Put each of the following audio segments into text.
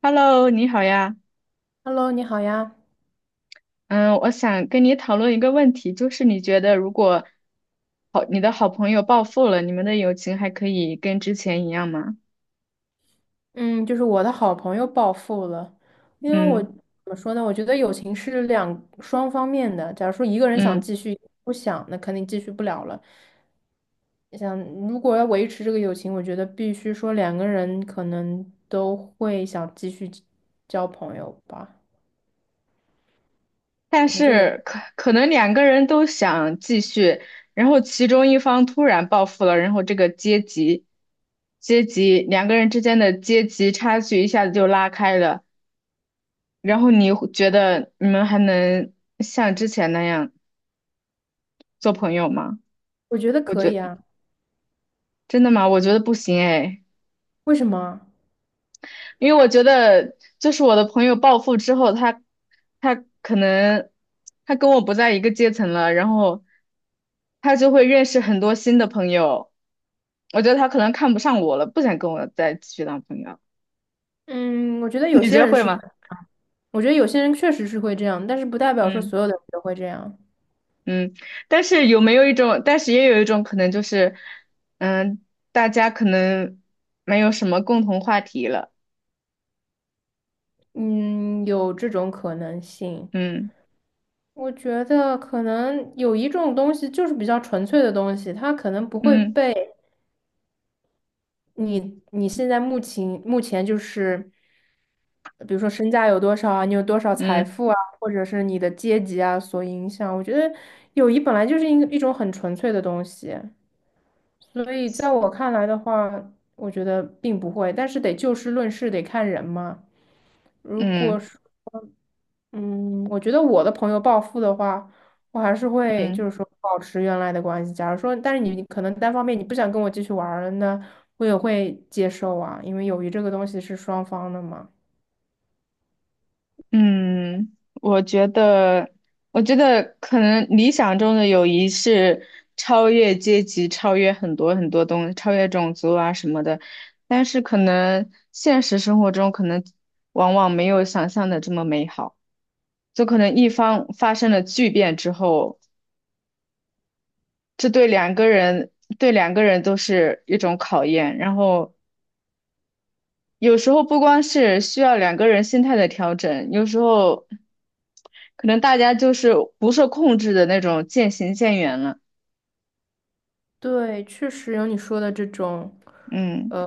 Hello，你好呀。Hello，你好呀。嗯，我想跟你讨论一个问题，就是你觉得如果好，你的好朋友暴富了，你们的友情还可以跟之前一样吗？嗯，就是我的好朋友暴富了，因为我嗯，怎么说呢？我觉得友情是两双方面的。假如说一个人想嗯，继续，不想，那肯定继续不了了。想如果要维持这个友情，我觉得必须说两个人可能都会想继续交朋友吧，但可能就得，是可能两个人都想继续，然后其中一方突然暴富了，然后这个阶级两个人之间的阶级差距一下子就拉开了，然后你会觉得你们还能像之前那样做朋友吗？我觉得我可以觉。啊。真的吗？我觉得不行哎，为什么啊因为我觉得就是我的朋友暴富之后，他可能他跟我不在一个阶层了，然后他就会认识很多新的朋友。我觉得他可能看不上我了，不想跟我再继续当朋友。嗯，我觉得 有你觉些得人会是会，吗？我觉得有些人确实是会这样，但是不代表说嗯，所有的人都会这样。嗯，但是有没有一种，但是也有一种可能就是，嗯，大家可能没有什么共同话题了。嗯，有这种可能性。嗯，我觉得可能友谊这种东西就是比较纯粹的东西，它可能不会嗯，被你现在目前就是，比如说身价有多少啊，你有多少财嗯，富啊，或者是你的阶级啊所影响。我觉得友谊本来就是一种很纯粹的东西，所以在我看来的话，我觉得并不会。但是得就事论事，得看人嘛。如嗯，果说。嗯，我觉得我的朋友暴富的话，我还是会嗯。就是说保持原来的关系。假如说，但是你可能单方面你不想跟我继续玩儿了，那我也会接受啊，因为友谊这个东西是双方的嘛。嗯，我觉得，我觉得可能理想中的友谊是超越阶级、超越很多很多东西、超越种族啊什么的，但是可能现实生活中可能往往没有想象的这么美好，就可能一方发生了巨变之后，这对两个人对两个人都是一种考验，然后有时候不光是需要两个人心态的调整，有时候可能大家就是不受控制的那种渐行渐远了。对，确实有你说的这种，嗯，呃，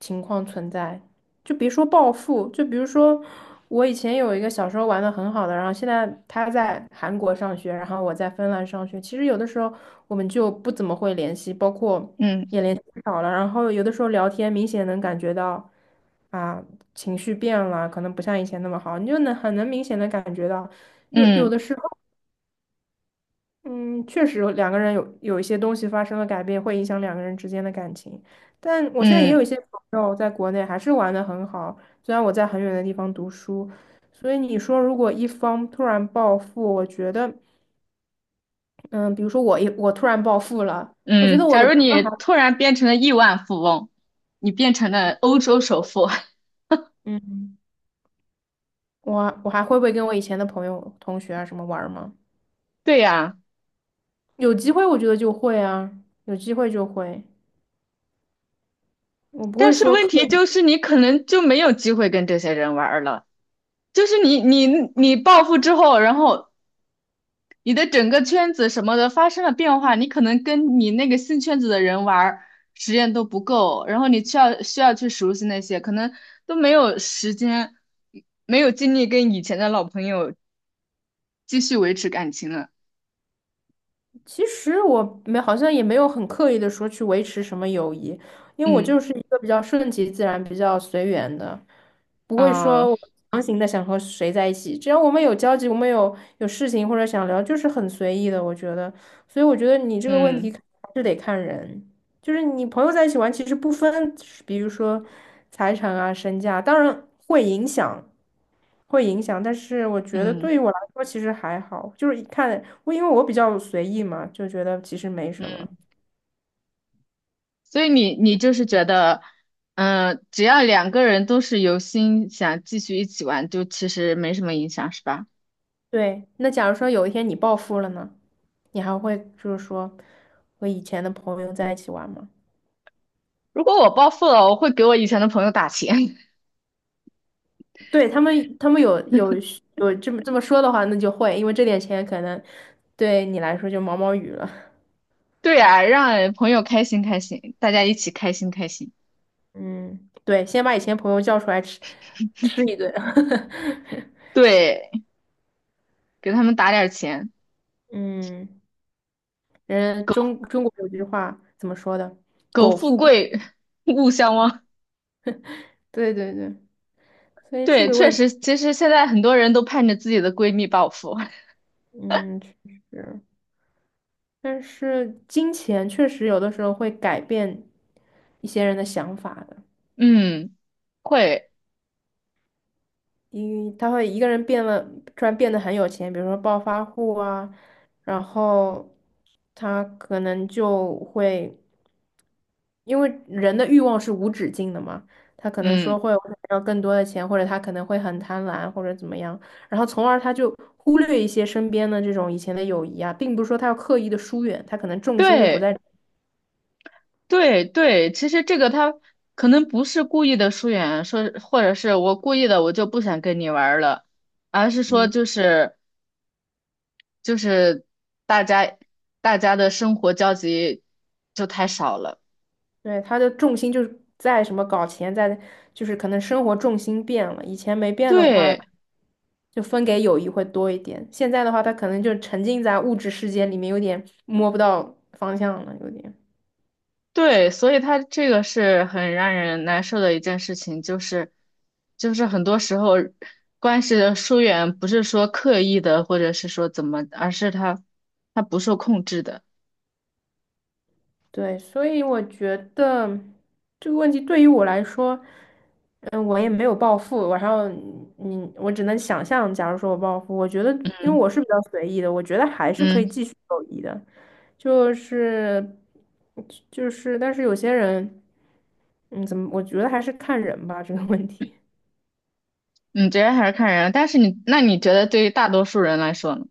情况存在。就别说暴富，就比如说我以前有一个小时候玩的很好的，然后现在他在韩国上学，然后我在芬兰上学。其实有的时候我们就不怎么会联系，包括嗯，也联系少了。然后有的时候聊天，明显能感觉到啊，情绪变了，可能不像以前那么好，你就能很能明显的感觉到。有有嗯，的时候。嗯，确实两个人有一些东西发生了改变，会影响两个人之间的感情。但我现在也有一嗯，些朋友在国内还是玩的很好，虽然我在很远的地方读书，所以你说如果一方突然暴富，我觉得，嗯，比如说我突然暴富了，我觉嗯，得我假的如朋你友还，突然变成了亿万富翁，你变成了欧洲首富，嗯，我还会不会跟我以前的朋友、同学啊什么玩儿吗？对呀，有机会我觉得就会啊，有机会就会，我不但会是说问刻。题就是你可能就没有机会跟这些人玩儿了。就是你暴富之后，然后你的整个圈子什么的发生了变化，你可能跟你那个新圈子的人玩儿时间都不够，然后你需要去熟悉那些，可能都没有时间，没有精力跟以前的老朋友继续维持感情了。其实我没好像也没有很刻意的说去维持什么友谊，因为我就嗯，是一个比较顺其自然、比较随缘的，不会啊，说我强行的想和谁在一起。只要我们有交集，我们有事情或者想聊，就是很随意的，我觉得。所以我觉得你这个问题嗯，还是得看人。就是你朋友在一起玩，其实不分，比如说财产啊、身价，当然会影响，会影响。但是我觉得嗯，对于我来说，其实还好，就是一看我，因为我比较随意嘛，就觉得其实没什么。所以你就是觉得，嗯、只要两个人都是有心想继续一起玩，就其实没什么影响，是吧？对，那假如说有一天你暴富了呢，你还会就是说和以前的朋友在一起玩吗？如果我暴富了，我会给我以前的朋友打钱。对，他们，他们有有这么说的话，那就会，因为这点钱可能对你来说就毛毛雨了。对啊，让朋友开心开心，大家一起开心开心。嗯，对，先把以前朋友叫出来吃一顿。对，给他们打点儿钱，嗯，人苟中国有句话怎么说的？苟富贵，勿相忘。对对对，所以这对，个确问题，实，其实现在很多人都盼着自己的闺蜜暴富。嗯，确实，但是金钱确实有的时候会改变一些人的想法的。嗯，会，因为他会一个人变了，突然变得很有钱，比如说暴发户啊，然后他可能就会，因为人的欲望是无止境的嘛，他可能说嗯，会我想要更多的钱，或者他可能会很贪婪或者怎么样，然后从而他就忽略一些身边的这种以前的友谊啊，并不是说他要刻意的疏远，他可能重心就不对，在。对，对。其实这个他可能不是故意的疏远，说或者是我故意的，我就不想跟你玩儿了，而是说嗯。就是大家大家的生活交集就太少了。对，他的重心就是在什么搞钱，在就是可能生活重心变了，以前没变的话，对。就分给友谊会多一点，现在的话，他可能就沉浸在物质世界里面，有点摸不到方向了，有点。对，所以他这个是很让人难受的一件事情，就是，就是很多时候关系的疏远不是说刻意的，或者是说怎么，而是他不受控制的。对，所以我觉得这个问题对于我来说，嗯，我也没有暴富，然后你，嗯我只能想象，假如说我暴富，我觉得，因为嗯，我是比较随意的，我觉得还是可以嗯，继续友谊的，就是就是，但是有些人，嗯，怎么，我觉得还是看人吧，这个问题。你觉得还是看人，但是你那你觉得对于大多数人来说呢？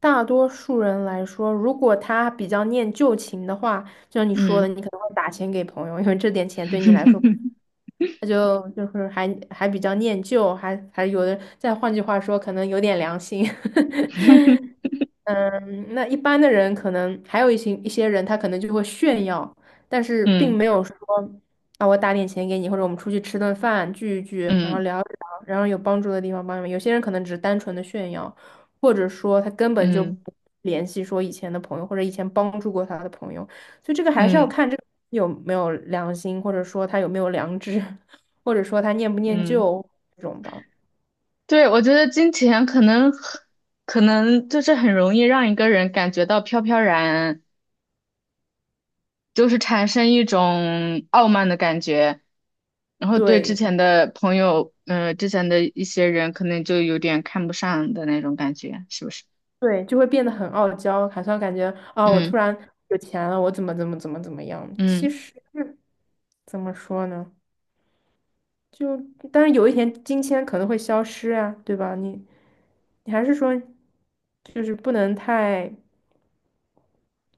大多数人来说，如果他比较念旧情的话，就像你说的，嗯 你可能会打钱给朋友，因为这点钱对你来说。他就就是还比较念旧，还有的，再换句话说，可能有点良心。嗯，那一般的人可能还有一些人，他可能就会炫耀，但是并嗯，没有说啊，我打点钱给你，或者我们出去吃顿饭聚一聚，然后嗯，聊一聊，然后有帮助的地方帮你们。有些人可能只是单纯的炫耀，或者说他根本就嗯，不联系说以前的朋友或者以前帮助过他的朋友，所以这个还是要嗯，看这个有没有良心，或者说他有没有良知，或者说他念不念嗯，旧这种吧。对，我觉得金钱可能就是很容易让一个人感觉到飘飘然。就是产生一种傲慢的感觉，然后对之对。前的朋友，嗯，之前的一些人可能就有点看不上的那种感觉，是不是？对，就会变得很傲娇，好像感觉啊，我嗯，突然有钱了，我怎么怎么怎么怎么样？其嗯，实怎么说呢？就但是有一天金钱可能会消失啊，对吧？你你还是说，就是不能太。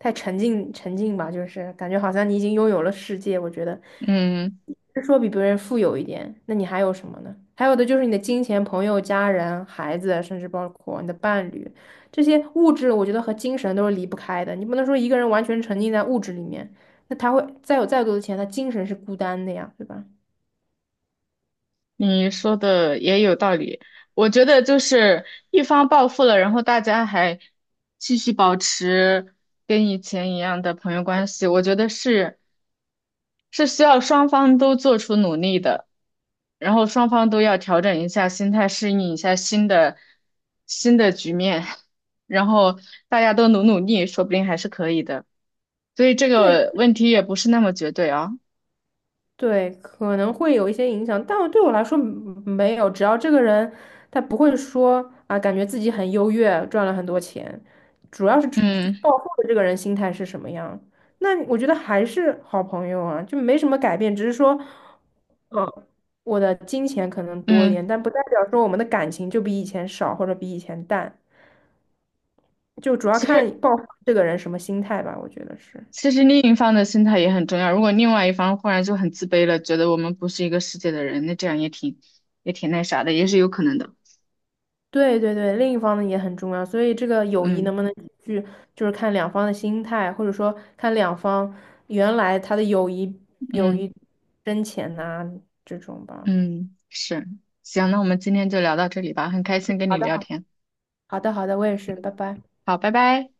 太沉浸吧，就是感觉好像你已经拥有了世界。我觉得，嗯，是说比别人富有一点，那你还有什么呢？还有的就是你的金钱、朋友、家人、孩子，甚至包括你的伴侣，这些物质，我觉得和精神都是离不开的。你不能说一个人完全沉浸在物质里面，那他会再有再多的钱，他精神是孤单的呀，对吧？你说的也有道理，我觉得就是一方暴富了，然后大家还继续保持跟以前一样的朋友关系，我觉得是是需要双方都做出努力的，然后双方都要调整一下心态，适应一下新的局面，然后大家都努努力，说不定还是可以的。所以这对，个问题也不是那么绝对啊。对，可能会有一些影响，但对我来说嗯没有。只要这个人他不会说啊，感觉自己很优越，赚了很多钱，主要是这嗯，暴富的这个人心态是什么样。那我觉得还是好朋友啊，就没什么改变，只是说，嗯，我的金钱可能多一点，嗯，但不代表说我们的感情就比以前少或者比以前淡，就主要其看实。暴富这个人什么心态吧，我觉得是。其实另一方的心态也很重要。如果另外一方忽然就很自卑了，觉得我们不是一个世界的人，那这样也挺那啥的，也是有可能的。对对对，另一方呢也很重要，所以这个友谊嗯，能不能去，就是看两方的心态，或者说看两方原来他的友谊友嗯，谊深浅呐、这种吧。嗯，是。行，那我们今天就聊到这里吧，很开心跟好你的。聊天。好的好的，我也是，拜拜。好，拜拜。